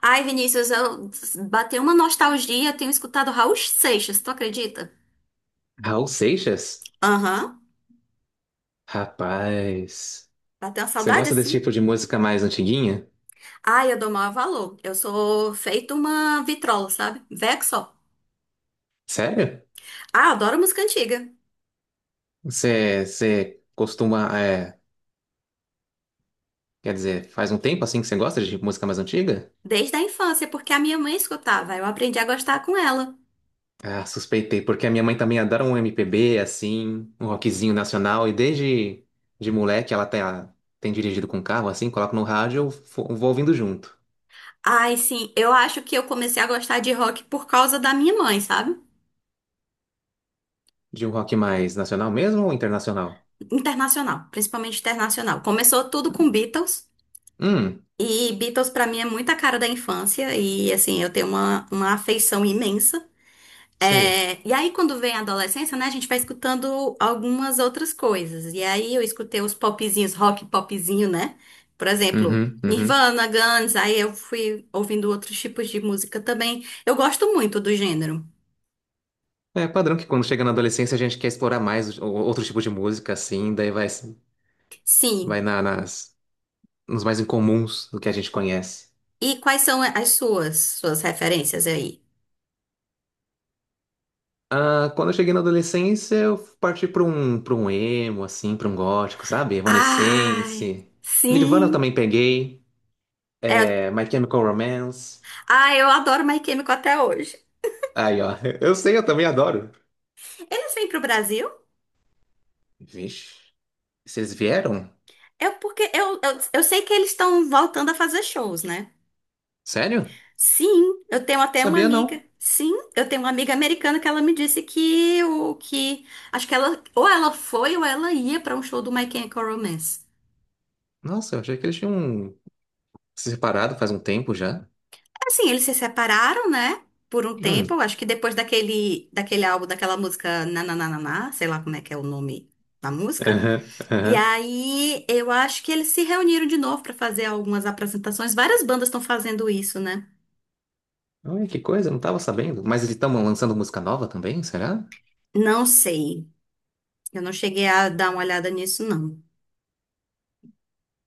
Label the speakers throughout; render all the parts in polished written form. Speaker 1: Ai, Vinícius, eu bateu uma nostalgia, tenho escutado Raul Seixas, tu acredita?
Speaker 2: Raul Seixas?
Speaker 1: Aham.
Speaker 2: Rapaz,
Speaker 1: Bateu uma
Speaker 2: você
Speaker 1: saudade
Speaker 2: gosta desse
Speaker 1: assim?
Speaker 2: tipo de música mais antiguinha?
Speaker 1: Ai, eu dou maior valor. Eu sou feito uma vitrola, sabe? Veco só.
Speaker 2: Sério?
Speaker 1: Ah, adoro música antiga.
Speaker 2: você costuma, quer dizer, faz um tempo assim que você gosta de música mais antiga?
Speaker 1: Desde a infância, porque a minha mãe escutava. Eu aprendi a gostar com ela.
Speaker 2: Ah, suspeitei, porque a minha mãe também adora um MPB, assim, um rockzinho nacional, e desde de moleque ela tem, tem dirigido com carro, assim, coloca no rádio, vou ouvindo junto.
Speaker 1: Ai, sim, eu acho que eu comecei a gostar de rock por causa da minha mãe, sabe?
Speaker 2: De um rock mais nacional mesmo ou internacional?
Speaker 1: Internacional, principalmente internacional. Começou tudo com Beatles.
Speaker 2: Hum,
Speaker 1: E Beatles pra mim é muita cara da infância e assim, eu tenho uma afeição imensa.
Speaker 2: sei.
Speaker 1: É, e aí quando vem a adolescência, né, a gente vai escutando algumas outras coisas. E aí eu escutei os popzinhos, rock popzinho, né? Por exemplo,
Speaker 2: Uhum, uhum.
Speaker 1: Nirvana, Guns, aí eu fui ouvindo outros tipos de música também. Eu gosto muito do gênero.
Speaker 2: É padrão que quando chega na adolescência a gente quer explorar mais outro tipo de música, assim, daí vai,
Speaker 1: Sim.
Speaker 2: nas, nos mais incomuns do que a gente conhece.
Speaker 1: E quais são as suas referências aí?
Speaker 2: Ah, quando eu cheguei na adolescência, eu parti para um emo, assim, para um gótico, sabe?
Speaker 1: Ai,
Speaker 2: Evanescence. Nirvana eu
Speaker 1: sim.
Speaker 2: também peguei.
Speaker 1: É,
Speaker 2: É, My Chemical Romance.
Speaker 1: ah, eu adoro My Chemical até hoje.
Speaker 2: Aí, ó. Eu sei, eu também adoro.
Speaker 1: Eles vêm pro Brasil?
Speaker 2: Vixe. Vocês vieram?
Speaker 1: É porque eu sei que eles estão voltando a fazer shows, né?
Speaker 2: Sério?
Speaker 1: Sim, eu tenho até uma
Speaker 2: Sabia
Speaker 1: amiga.
Speaker 2: não.
Speaker 1: Sim, eu tenho uma amiga americana que ela me disse que o que acho que ela ou ela foi ou ela ia pra um show do My Chemical Romance.
Speaker 2: Nossa, eu achei que eles tinham se separado faz um tempo já.
Speaker 1: Assim, eles se separaram, né? Por um tempo,
Speaker 2: Hum.
Speaker 1: eu acho que depois daquele álbum, daquela música Nananana, sei lá como é que é o nome da música.
Speaker 2: Aham,
Speaker 1: E
Speaker 2: aham.
Speaker 1: aí, eu acho que eles se reuniram de novo pra fazer algumas apresentações. Várias bandas estão fazendo isso, né?
Speaker 2: Olha que coisa, eu não tava sabendo. Mas eles estão lançando música nova também, será?
Speaker 1: Não sei. Eu não cheguei a dar uma olhada nisso, não.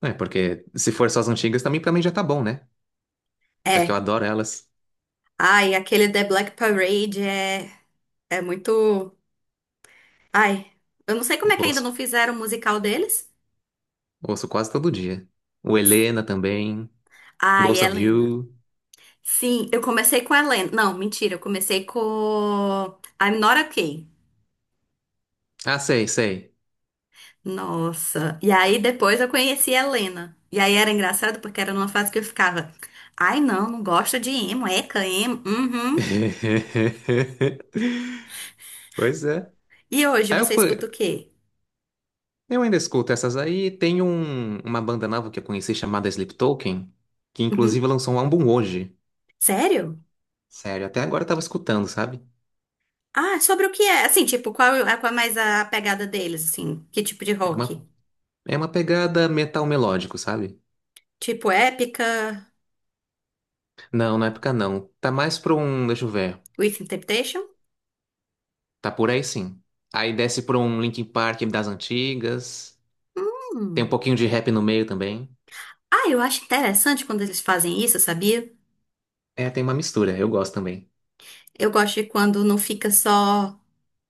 Speaker 2: É, porque se for só as antigas também, pra mim já tá bom, né? Já que eu
Speaker 1: É.
Speaker 2: adoro elas.
Speaker 1: Ai, aquele The Black Parade é muito. Ai, eu não sei como
Speaker 2: Eu
Speaker 1: é que ainda não
Speaker 2: ouço,
Speaker 1: fizeram o musical deles.
Speaker 2: ouço quase todo dia. O Helena também.
Speaker 1: Ai,
Speaker 2: Ghost of
Speaker 1: Helena.
Speaker 2: You.
Speaker 1: Sim, eu comecei com Helena. Não, mentira, eu comecei com I'm Not Okay.
Speaker 2: Ah, sei, sei.
Speaker 1: Nossa. E aí depois eu conheci a Helena. E aí era engraçado porque era numa fase que eu ficava. Ai, não, não gosto de emo, eca, emo. Uhum.
Speaker 2: Pois é.
Speaker 1: E hoje
Speaker 2: Aí eu
Speaker 1: você escuta
Speaker 2: fui.
Speaker 1: o quê?
Speaker 2: Eu ainda escuto essas aí. Uma banda nova que eu conheci chamada Sleep Token, que inclusive
Speaker 1: Uhum.
Speaker 2: lançou um álbum hoje.
Speaker 1: Sério?
Speaker 2: Sério, até agora eu tava escutando, sabe?
Speaker 1: Ah, sobre o que é? Assim, tipo, qual é mais a pegada deles, assim? Que tipo de
Speaker 2: É
Speaker 1: rock?
Speaker 2: uma, É uma pegada metal melódico, sabe?
Speaker 1: Tipo épica,
Speaker 2: Não, na época não. Tá mais pra um, deixa eu ver.
Speaker 1: with interpretation?
Speaker 2: Tá por aí sim. Aí desce pra um Linkin Park das antigas. Tem um
Speaker 1: Hum.
Speaker 2: pouquinho de rap no meio também.
Speaker 1: Ah, eu acho interessante quando eles fazem isso, sabia?
Speaker 2: É, tem uma mistura, eu gosto também.
Speaker 1: Eu gosto de quando não fica só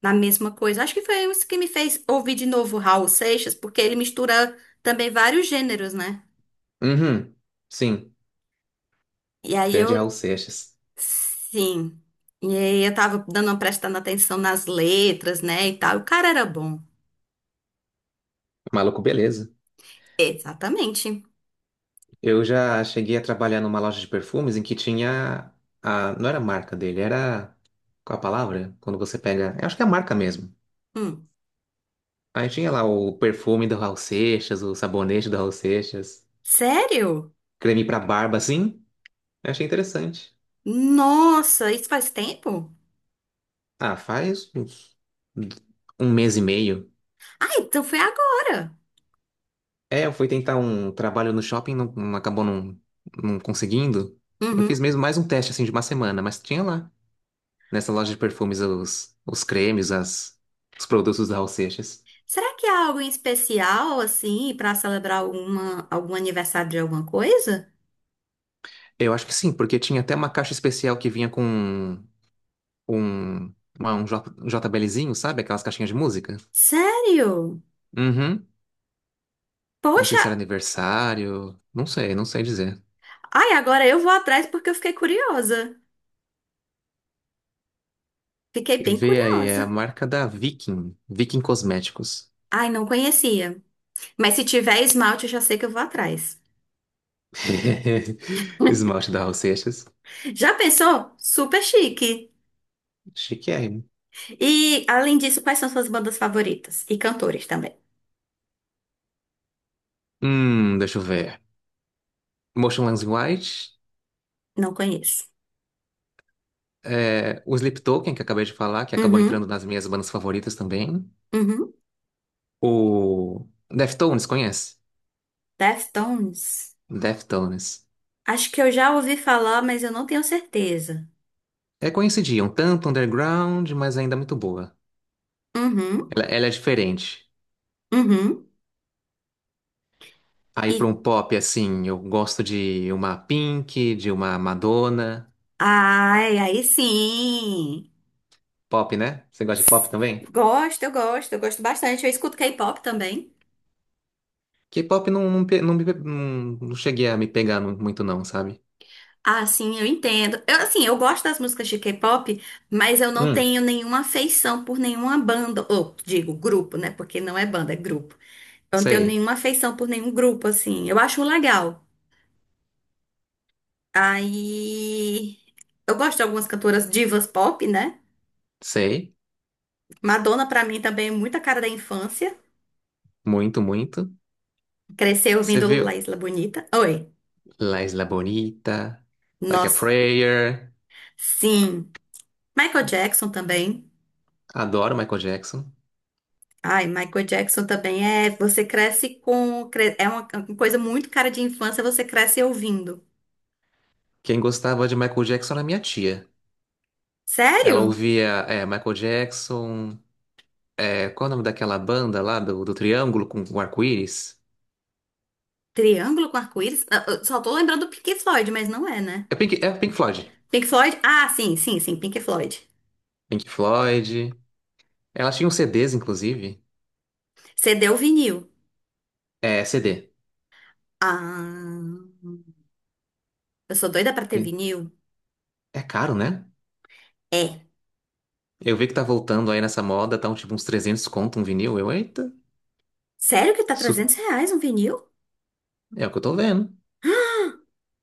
Speaker 1: na mesma coisa. Acho que foi isso que me fez ouvir de novo Raul Seixas, porque ele mistura também vários gêneros, né?
Speaker 2: Uhum, sim.
Speaker 1: E aí eu,
Speaker 2: Grande Raul Seixas.
Speaker 1: sim. E aí eu tava dando uma prestando atenção nas letras, né, e tal. O cara era bom.
Speaker 2: Maluco, beleza.
Speaker 1: Exatamente.
Speaker 2: Eu já cheguei a trabalhar numa loja de perfumes em que tinha a... Não era a marca dele, era... Qual a palavra? Quando você pega... Eu acho que é a marca mesmo.
Speaker 1: Hum.
Speaker 2: Aí tinha lá o perfume do Raul Seixas, o sabonete do Raul Seixas,
Speaker 1: Sério?
Speaker 2: creme pra barba, assim. Eu achei interessante.
Speaker 1: Nossa, isso faz tempo?
Speaker 2: Ah, faz uns, um mês e meio.
Speaker 1: Ah, então foi agora.
Speaker 2: É, eu fui tentar um trabalho no shopping, não acabou não, não conseguindo. Eu fiz
Speaker 1: Uhum.
Speaker 2: mesmo mais um teste assim de uma semana, mas tinha lá, nessa loja de perfumes, os cremes, os produtos da Raul Seixas.
Speaker 1: Será que há algo em especial, assim, para celebrar algum aniversário de alguma coisa?
Speaker 2: Eu acho que sim, porque tinha até uma caixa especial que vinha com um JBLzinho, sabe? Aquelas caixinhas de música.
Speaker 1: Sério?
Speaker 2: Uhum. Não sei
Speaker 1: Poxa,
Speaker 2: se era aniversário, não sei, não sei dizer.
Speaker 1: ai, agora eu vou atrás porque eu fiquei curiosa. Fiquei bem
Speaker 2: Vê aí, é a
Speaker 1: curiosa.
Speaker 2: marca da Viking, Viking Cosméticos.
Speaker 1: Ai, não conhecia. Mas se tiver esmalte, eu já sei que eu vou atrás.
Speaker 2: Esmalte da Raul Seixas.
Speaker 1: Já pensou? Super chique.
Speaker 2: Chiquérrimo.
Speaker 1: E, além disso, quais são suas bandas favoritas? E cantores também.
Speaker 2: Deixa eu ver. Motionless in White.
Speaker 1: Não conheço.
Speaker 2: É, o Sleep Token, que eu acabei de falar, que acabou
Speaker 1: Uhum,
Speaker 2: entrando nas minhas bandas favoritas também.
Speaker 1: uhum.
Speaker 2: O Deftones, conhece?
Speaker 1: Deftones.
Speaker 2: Deftones.
Speaker 1: Acho que eu já ouvi falar, mas eu não tenho certeza.
Speaker 2: É conhecidinha, um tanto underground, mas ainda muito boa.
Speaker 1: Uhum,
Speaker 2: Ela é diferente.
Speaker 1: uhum.
Speaker 2: Aí para um
Speaker 1: E
Speaker 2: pop, assim, eu gosto de uma Pink, de uma Madonna.
Speaker 1: ai, aí sim.
Speaker 2: Pop, né? Você gosta de pop também?
Speaker 1: Gosto, eu gosto, eu gosto bastante. Eu escuto K-pop também.
Speaker 2: K-pop não, não, pe- não, me não, não cheguei a muito, não, sabe?
Speaker 1: Ah, sim, eu entendo. Eu, assim, eu gosto das músicas de K-pop, mas eu não
Speaker 2: Hum,
Speaker 1: tenho nenhuma afeição por nenhuma banda, ou digo grupo, né? Porque não é banda, é grupo. Eu não tenho
Speaker 2: sei,
Speaker 1: nenhuma afeição por nenhum grupo, assim. Eu acho legal. Aí, eu gosto de algumas cantoras divas pop, né?
Speaker 2: sei,
Speaker 1: Madonna, pra mim, também é muita cara da infância.
Speaker 2: muito, muito.
Speaker 1: Cresceu
Speaker 2: Você
Speaker 1: ouvindo La
Speaker 2: viu
Speaker 1: Isla Bonita. Oi.
Speaker 2: La Isla Bonita, Like a
Speaker 1: Nossa.
Speaker 2: Prayer,
Speaker 1: Sim. Michael Jackson também.
Speaker 2: adoro Michael Jackson.
Speaker 1: Ai, Michael Jackson também é. Você cresce com. É uma coisa muito cara de infância, você cresce ouvindo.
Speaker 2: Quem gostava de Michael Jackson era minha tia. Ela
Speaker 1: Sério?
Speaker 2: ouvia Michael Jackson, é, qual é o nome daquela banda lá do Triângulo com o arco-íris?
Speaker 1: Triângulo com arco-íris? Ah, eu só tô lembrando do Pink Floyd, mas não é, né?
Speaker 2: É Pink Floyd.
Speaker 1: Pink Floyd? Ah, sim, sim, sim, Pink Floyd.
Speaker 2: Pink Floyd. Ela tinha uns CDs, inclusive.
Speaker 1: CD ou vinil?
Speaker 2: É, CD.
Speaker 1: Ah. Eu sou doida pra ter vinil?
Speaker 2: É caro, né?
Speaker 1: É.
Speaker 2: Eu vi que tá voltando aí nessa moda, tá um, tipo uns 300 conto um vinil. Eu, eita,
Speaker 1: Sério que tá
Speaker 2: isso
Speaker 1: R$ 300 um vinil?
Speaker 2: é o que eu tô vendo.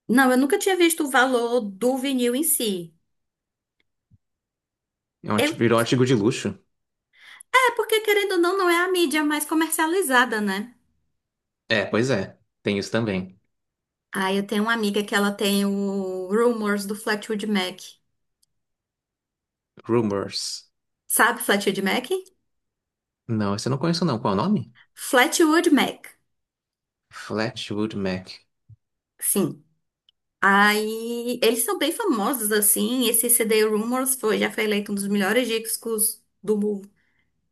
Speaker 1: Não, eu nunca tinha visto o valor do vinil em si. Eu,
Speaker 2: Virou um artigo de luxo.
Speaker 1: é, porque querendo ou não, não é a mídia mais comercializada, né?
Speaker 2: É, pois é, tem isso também.
Speaker 1: Aí eu tenho uma amiga que ela tem o Rumors do Fleetwood Mac.
Speaker 2: Rumors.
Speaker 1: Sabe Fleetwood Mac?
Speaker 2: Não, esse eu não conheço não. Qual é o nome?
Speaker 1: Fleetwood Mac,
Speaker 2: Flatwood Mac.
Speaker 1: sim. Aí eles são bem famosos, assim. Esse CD Rumors foi, já foi eleito um dos melhores discos do,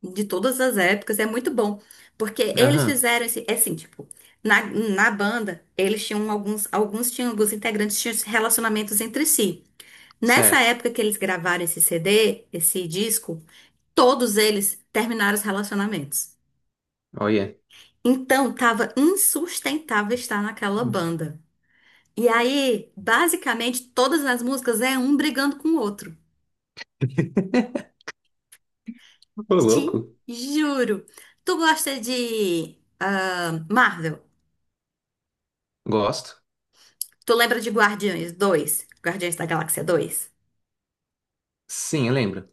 Speaker 1: de todas as épocas, é muito bom. Porque eles
Speaker 2: Aham,
Speaker 1: fizeram esse, é assim, tipo, na, na banda, eles tinham alguns integrantes tinham relacionamentos entre si. Nessa
Speaker 2: certo.
Speaker 1: época que eles gravaram esse CD, esse disco, todos eles terminaram os relacionamentos.
Speaker 2: Olha.
Speaker 1: Então, tava insustentável estar naquela banda. E aí, basicamente, todas as músicas é um brigando com o outro.
Speaker 2: Ô,
Speaker 1: Te
Speaker 2: louco.
Speaker 1: juro. Tu gosta de Marvel?
Speaker 2: Gosto.
Speaker 1: Tu lembra de Guardiões 2, Guardiões da Galáxia 2?
Speaker 2: Sim, eu lembro.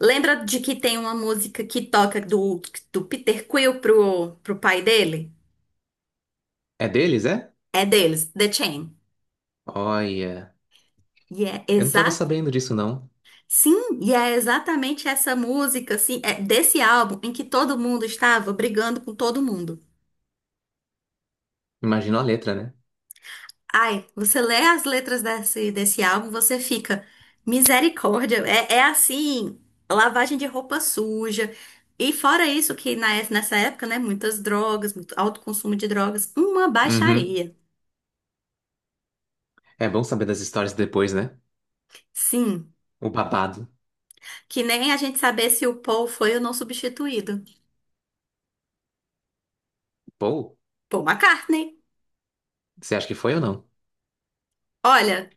Speaker 1: Lembra de que tem uma música que toca do Peter Quill pro pai dele?
Speaker 2: É deles, é?
Speaker 1: É deles, The Chain.
Speaker 2: Olha.
Speaker 1: E é
Speaker 2: Eu não tava
Speaker 1: exato.
Speaker 2: sabendo disso, não.
Speaker 1: Sim, e é exatamente essa música, assim, é desse, álbum em que todo mundo estava brigando com todo mundo.
Speaker 2: Imagino a letra, né?
Speaker 1: Ai, você lê as letras desse, desse álbum, você fica, misericórdia, é, é assim, lavagem de roupa suja. E fora isso, que nessa época, né, muitas drogas, muito alto consumo de drogas, uma
Speaker 2: Uhum.
Speaker 1: baixaria.
Speaker 2: É bom saber das histórias depois, né?
Speaker 1: Sim,
Speaker 2: O babado.
Speaker 1: que nem a gente saber se o Paul foi ou não substituído.
Speaker 2: Pô,
Speaker 1: Paul McCartney.
Speaker 2: você acha que foi ou não?
Speaker 1: Olha,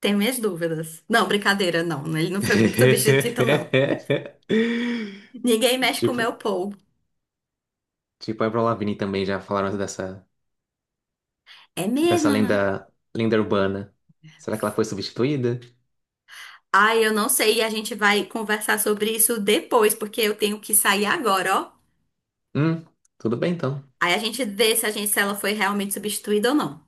Speaker 1: tem minhas dúvidas. Não, brincadeira, não. Ele não foi substituído, não. Ninguém mexe com o meu
Speaker 2: Tipo,
Speaker 1: Paul.
Speaker 2: tipo, a Avril Lavigne também já falaram dessa,
Speaker 1: É
Speaker 2: dessa
Speaker 1: mesmo, né?
Speaker 2: lenda, lenda urbana. Será que ela foi substituída?
Speaker 1: Ai, eu não sei, e a gente vai conversar sobre isso depois, porque eu tenho que sair agora, ó.
Speaker 2: Hum, tudo bem então.
Speaker 1: Aí a gente vê se a gente, se ela foi realmente substituída ou não.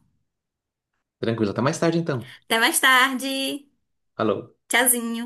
Speaker 2: Tranquilo, até mais tarde então.
Speaker 1: Até mais tarde.
Speaker 2: Falou.
Speaker 1: Tchauzinho.